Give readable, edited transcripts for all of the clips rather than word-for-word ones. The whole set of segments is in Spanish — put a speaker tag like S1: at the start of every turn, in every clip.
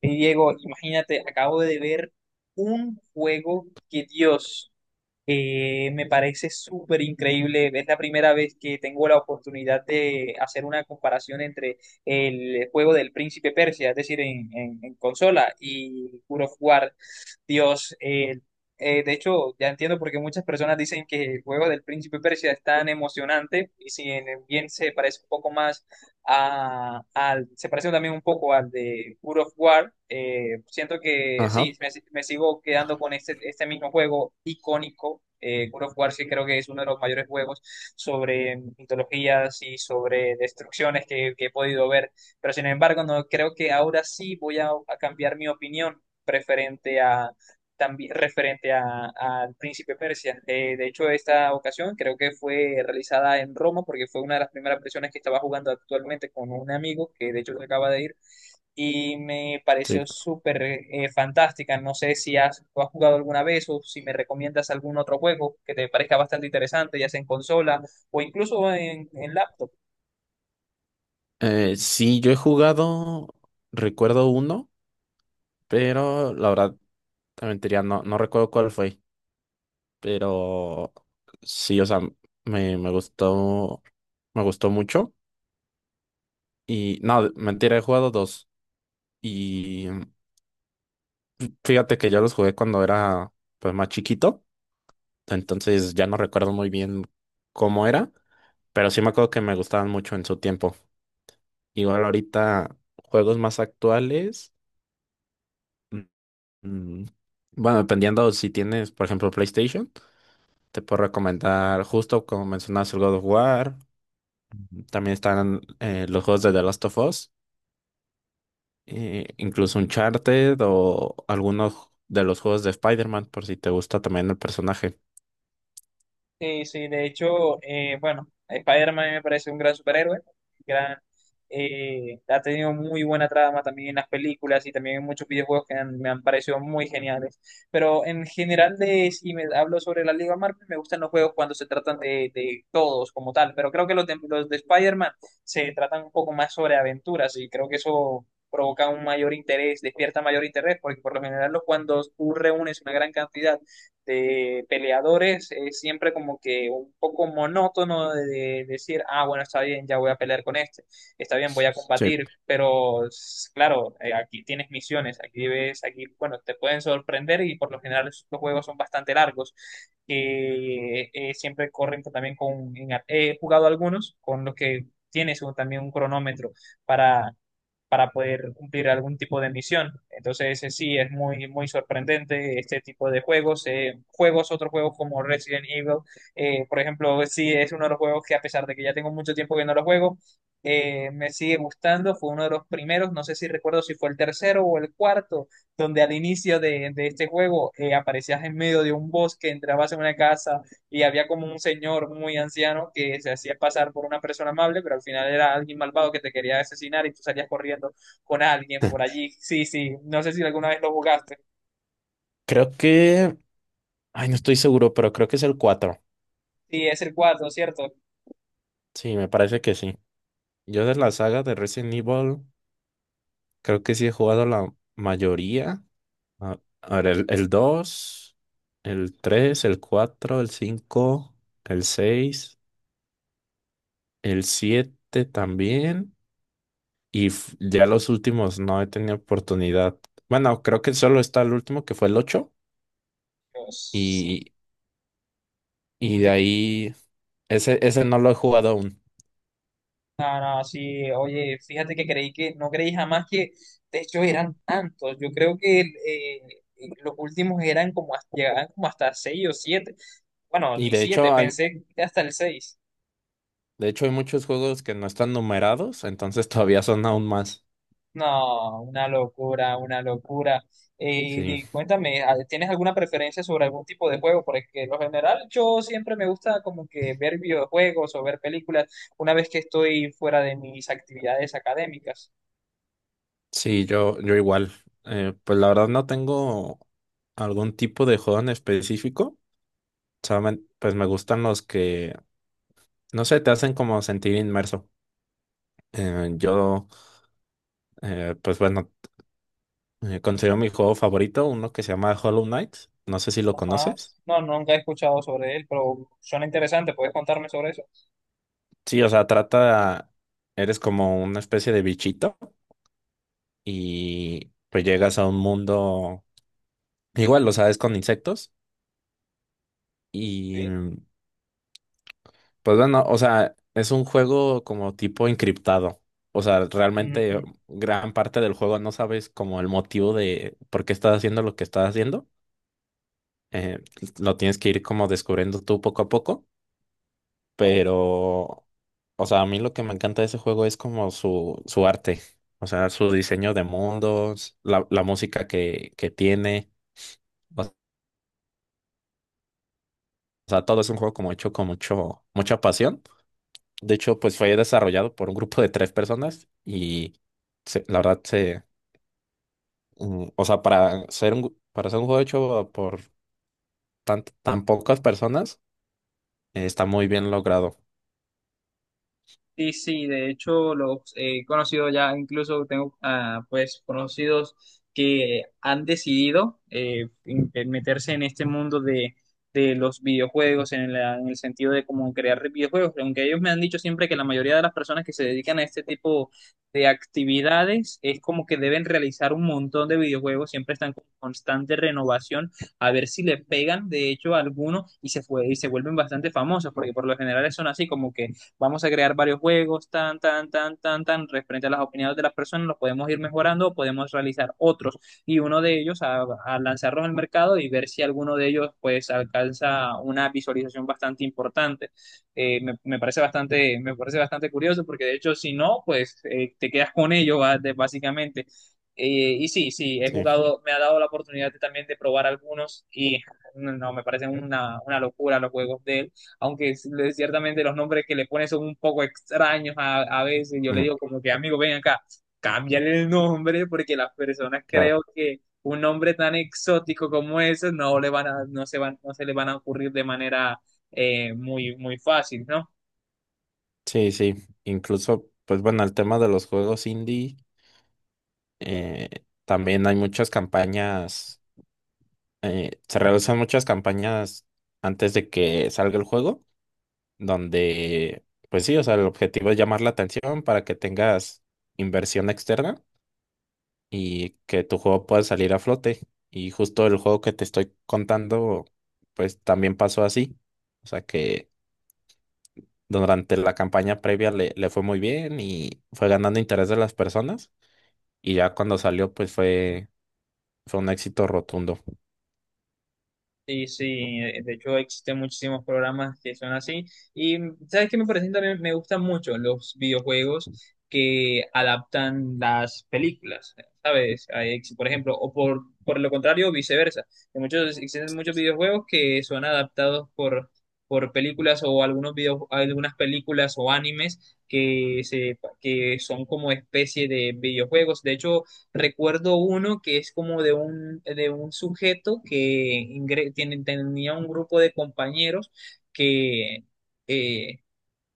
S1: Y Diego, imagínate, acabo de ver un juego que Dios me parece súper increíble. Es la primera vez que tengo la oportunidad de hacer una comparación entre el juego del Príncipe Persia, es decir, en consola, y God of War. Dios, de hecho, ya entiendo por qué muchas personas dicen que el juego del Príncipe Persia es tan emocionante, y si bien se parece un poco más se pareció también un poco al de God of War. Siento que sí,
S2: Ajá,
S1: me sigo quedando con este mismo juego icónico. God of War sí creo que es uno de los mayores juegos sobre mitologías y sobre destrucciones que he podido ver, pero sin embargo no creo que ahora sí voy a cambiar mi opinión preferente también referente al príncipe Persia. De hecho, esta ocasión creo que fue realizada en Roma porque fue una de las primeras presiones que estaba jugando actualmente con un amigo que de hecho se acaba de ir y me
S2: sí.
S1: pareció súper fantástica. No sé si has, tú has jugado alguna vez o si me recomiendas algún otro juego que te parezca bastante interesante, ya sea en consola o incluso en laptop.
S2: Sí, yo he jugado, recuerdo uno, pero la verdad, te mentiría, no, no recuerdo cuál fue, pero sí, o sea, me gustó, me gustó mucho y no, mentira, he jugado dos y fíjate que yo los jugué cuando era pues más chiquito, entonces ya no recuerdo muy bien cómo era, pero sí me acuerdo que me gustaban mucho en su tiempo. Igual ahorita, juegos más actuales. Mm, Bueno, dependiendo si tienes, por ejemplo, PlayStation, te puedo recomendar justo como mencionas el God of War. También están los juegos de The Last of Us, incluso Uncharted o algunos de los juegos de Spider-Man, por si te gusta también el personaje.
S1: Sí, sí, de hecho, bueno, Spider-Man me parece un gran superhéroe, gran, ha tenido muy buena trama también en las películas y también en muchos videojuegos que han- me han parecido muy geniales. Pero en general, de, si me hablo sobre la Liga Marvel, me gustan los juegos cuando se tratan de todos como tal, pero creo que los de Spider-Man se tratan un poco más sobre aventuras y creo que eso provoca un mayor interés, despierta mayor interés, porque por lo general los- cuando tú reúnes una gran cantidad de peleadores es siempre como que un poco monótono de decir, ah, bueno, está bien, ya voy a pelear con este, está bien, voy a
S2: Sí.
S1: combatir, pero s- claro, aquí tienes misiones, aquí ves, aquí, bueno, te pueden sorprender y por lo general los juegos son bastante largos, que siempre corren con- también con, en- he jugado algunos con los que tienes un- también un cronómetro para para poder cumplir algún tipo de misión. Entonces, sí, es muy, muy sorprendente este tipo de juegos. Juegos, otros juegos como Resident Evil, por ejemplo, sí, es uno de los juegos que a pesar de que ya tengo mucho tiempo que no lo juego, me sigue gustando. Fue uno de los primeros, no sé si recuerdo si fue el tercero o el cuarto, donde al inicio de este juego aparecías en medio de un bosque, entrabas en una casa, y había como un señor muy anciano que se hacía pasar por una persona amable, pero al final era alguien malvado que te quería asesinar y tú salías corriendo con alguien por allí. Sí, sí, no sé si alguna vez lo jugaste.
S2: Creo que, ay, no estoy seguro, pero creo que es el cuatro.
S1: Sí, es el cuatro, ¿cierto?
S2: Sí, me parece que sí. Yo de la saga de Resident Evil, creo que sí he jugado la mayoría. A ver, el dos, el tres, el cuatro, el cinco, el seis, el 7 también. Y f- ya los últimos no he tenido oportunidad. Bueno, creo que solo está el último que fue el ocho.
S1: Yo, sí,
S2: Y, y de
S1: fíjate,
S2: ahí, ese no lo he jugado aún.
S1: no, no, sí, oye, fíjate que creí que, no creí jamás que, de hecho, eran tantos. Yo creo que los últimos eran como hasta, llegaban como hasta 6 o siete. Bueno,
S2: Y
S1: ni
S2: de
S1: siete,
S2: hecho hay,
S1: pensé que hasta el seis.
S2: de hecho hay muchos juegos que no están numerados, entonces todavía son aún más.
S1: No, una locura, una locura. Y,
S2: Sí,
S1: di- cuéntame, ¿a- ¿tienes alguna preferencia sobre algún tipo de juego? Porque lo general yo siempre me gusta como que ver videojuegos o ver películas una vez que estoy fuera de mis actividades académicas.
S2: sí, yo igual. Pues la verdad no tengo algún tipo de juego en específico. Solamente, pues me gustan los que, no sé, te hacen como sentir inmerso. Eh, yo, pues bueno, considero mi juego favorito uno que se llama Hollow Knight. No sé si lo
S1: Ajá.
S2: conoces.
S1: No, nunca he escuchado sobre él, pero suena interesante. ¿Puedes contarme sobre eso?
S2: Sí, o sea, trata, eres como una especie de bichito y pues llegas a un mundo, igual, lo sabes, con insectos
S1: Sí.
S2: y pues bueno, o sea, es un juego como tipo encriptado. O sea, realmente
S1: Ujú.
S2: gran parte del juego no sabes como el motivo de por qué estás haciendo lo que estás haciendo. Eh, lo tienes que ir como descubriendo tú poco a poco.
S1: Claro.
S2: Pero, o sea, a mí lo que me encanta de ese juego es como su arte. O sea, su diseño de mundos, la música que tiene. O sea, todo es un juego como hecho con mucho, mucha pasión. De hecho, pues fue desarrollado por un grupo de tres personas y se- la verdad se, o sea, para ser un, gu- para ser un juego hecho por tan pocas personas, está muy bien logrado.
S1: Sí, sí, de hecho los he conocido ya, incluso tengo ah, pues conocidos que han decidido in- en meterse en este mundo de los videojuegos, en, la- en el sentido de cómo crear videojuegos, aunque ellos me han dicho siempre que la mayoría de las personas que se dedican a este tipo de actividades es como que deben realizar un montón de videojuegos, siempre están con constante renovación, a ver si le pegan de hecho a alguno y se, fue, y se vuelven bastante famosos, porque por lo general son así como que vamos a crear varios juegos, tan, tan, tan, tan, tan, referente a las opiniones de las personas, los podemos ir mejorando, podemos realizar otros y uno de ellos a lanzarlos al mercado y ver si alguno de ellos pues alcanza una visualización bastante importante. Me parece bastante curioso porque de hecho si no, pues te quedas con ello va- de- básicamente. Y sí, sí, he
S2: Sí,
S1: jugado, me ha dado la oportunidad de- también de probar algunos y no, me parecen una locura los juegos de él, aunque es- le- ciertamente los nombres que le pone son un poco extraños a veces. Yo le
S2: ujú,
S1: digo como que, amigo, ven acá, cámbiale el nombre porque las personas
S2: claro.
S1: creo que un nombre tan exótico como ese no le van no se van, no se le van a ocurrir de manera muy, muy fácil, ¿no?
S2: Sí, sí. Incluso, pues bueno, el tema de los juegos indie, eh, también hay muchas campañas, se realizan muchas campañas antes de que salga el juego donde, pues sí, o sea, el objetivo es llamar la atención para que tengas inversión externa y que tu juego pueda salir a flote. Y justo el juego que te estoy contando, pues también pasó así. O sea que durante la campaña previa le fue muy bien y fue ganando interés de las personas. Y ya cuando salió, pues fue, fue un éxito rotundo.
S1: Sí, sí, de hecho existen muchísimos programas que son así. Y ¿sabes qué me parece también? Me gustan mucho los videojuegos que adaptan las películas, ¿sabes? Hay ex- Por ejemplo, o por lo contrario, viceversa. Hay muchos, existen muchos videojuegos que son adaptados por películas o algunos video, algunas películas o animes que, se, que son como especie de videojuegos. De hecho, recuerdo uno que es como de un sujeto que ingre- tiene- tenía un grupo de compañeros que... eh,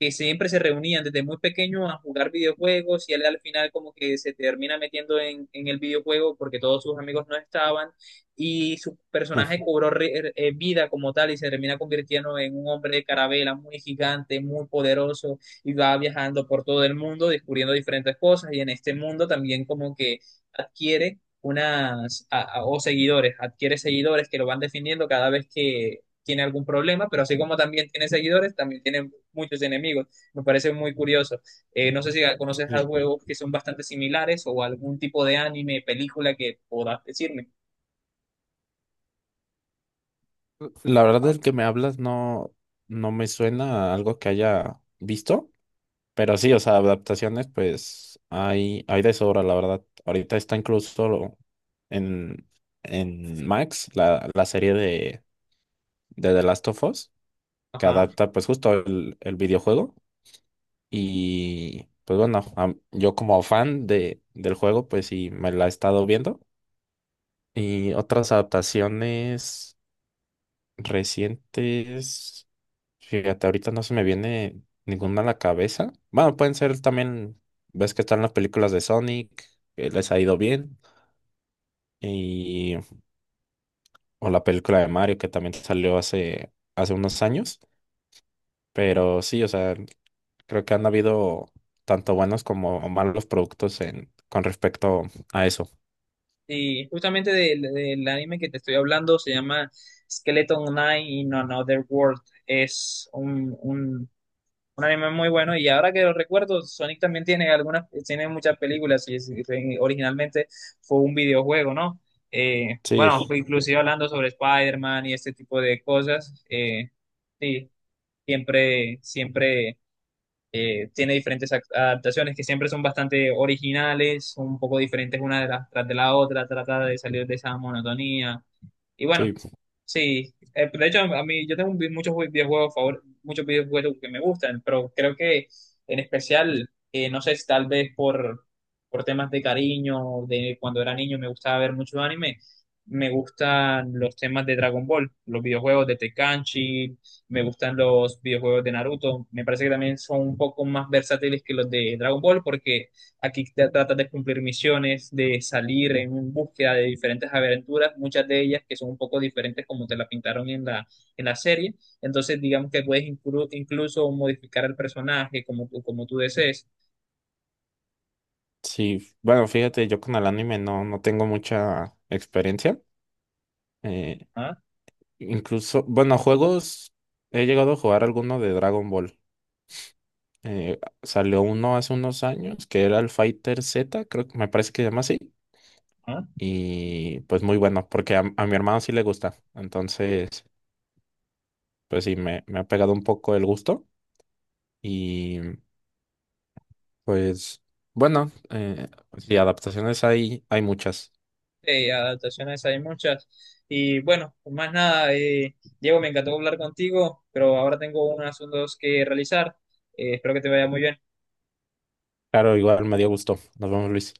S1: que siempre se reunían desde muy pequeño a jugar videojuegos y él al final como que se termina metiendo en el videojuego porque todos sus amigos no estaban y su personaje cobró re- vida como tal y se termina convirtiendo en un hombre de carabela muy gigante, muy poderoso y va viajando por todo el mundo descubriendo diferentes cosas y en este mundo también como que adquiere unas a- o seguidores, adquiere seguidores que lo van defendiendo cada vez que tiene algún problema, pero así como también tiene seguidores, también tiene muchos enemigos. Me parece muy curioso. No sé si conoces a
S2: Sí.
S1: juegos que son bastante similares o algún tipo de anime, película que podás decirme.
S2: La verdad del que me hablas no, no me suena a algo que haya visto. Pero sí, o sea, adaptaciones, pues hay de sobra, la verdad. Ahorita está incluso lo- en, en Max la serie de The Last of Us, que
S1: Ajá.
S2: adapta pues justo el videojuego. Y pues bueno, am- yo como fan de, del juego, pues sí, me la he estado viendo. Y otras adaptaciones recientes. Fíjate, ahorita no se me viene ninguna a la cabeza. Bueno, pueden ser también, ves que están las películas de Sonic, que les ha ido bien, y, o la película de Mario, que también salió hace, hace unos años. Pero sí, o sea, creo que han habido tanto buenos como malos productos en, con respecto a eso.
S1: Y justamente del, del anime que te estoy hablando se llama Skeleton Knight in Another World. Es un anime muy bueno y ahora que lo recuerdo, Sonic también tiene algunas, tiene muchas películas y es- originalmente fue un videojuego, ¿no?
S2: Sí,
S1: Bueno, inclusive hablando sobre Spider-Man y este tipo de cosas, sí, siempre, siempre tiene diferentes ac- adaptaciones que siempre son bastante originales, un poco diferentes una de las tras de la otra, trata de salir de esa monotonía. Y bueno,
S2: sí,
S1: sí, de hecho, a mí yo tengo un vi- muchos vi- videojuegos, favor, muchos videojuegos que me gustan, pero creo que en especial, no sé, si tal vez por temas de cariño, de cuando era niño me gustaba ver muchos anime, me gustan los temas de Dragon Ball, los videojuegos de Tenkaichi, me gustan los videojuegos de Naruto, me parece que también son un poco más versátiles que los de Dragon Ball porque aquí te tratas de cumplir misiones, de salir en búsqueda de diferentes aventuras, muchas de ellas que son un poco diferentes como te la pintaron en la serie. Entonces, digamos que puedes inclu- incluso modificar el personaje como tú desees.
S2: sí. Bueno, fíjate, yo con el anime no, no tengo mucha experiencia. Eh,
S1: Ah,
S2: Incluso, bueno, juegos, he llegado a jugar alguno de Dragon Ball. Salió uno hace unos años que era el Fighter Z, creo que me parece que se llama así.
S1: ah.
S2: Y pues muy bueno, porque a mi hermano sí le gusta. Entonces, pues sí, me ha pegado un poco el gusto. Y pues bueno, sí, adaptaciones hay, hay muchas.
S1: Adaptaciones hay muchas. Y bueno, pues más nada, Diego, me encantó hablar contigo, pero ahora tengo unos asuntos que realizar. Espero que te vaya muy bien.
S2: Claro, igual me dio gusto. Nos vemos, Luis.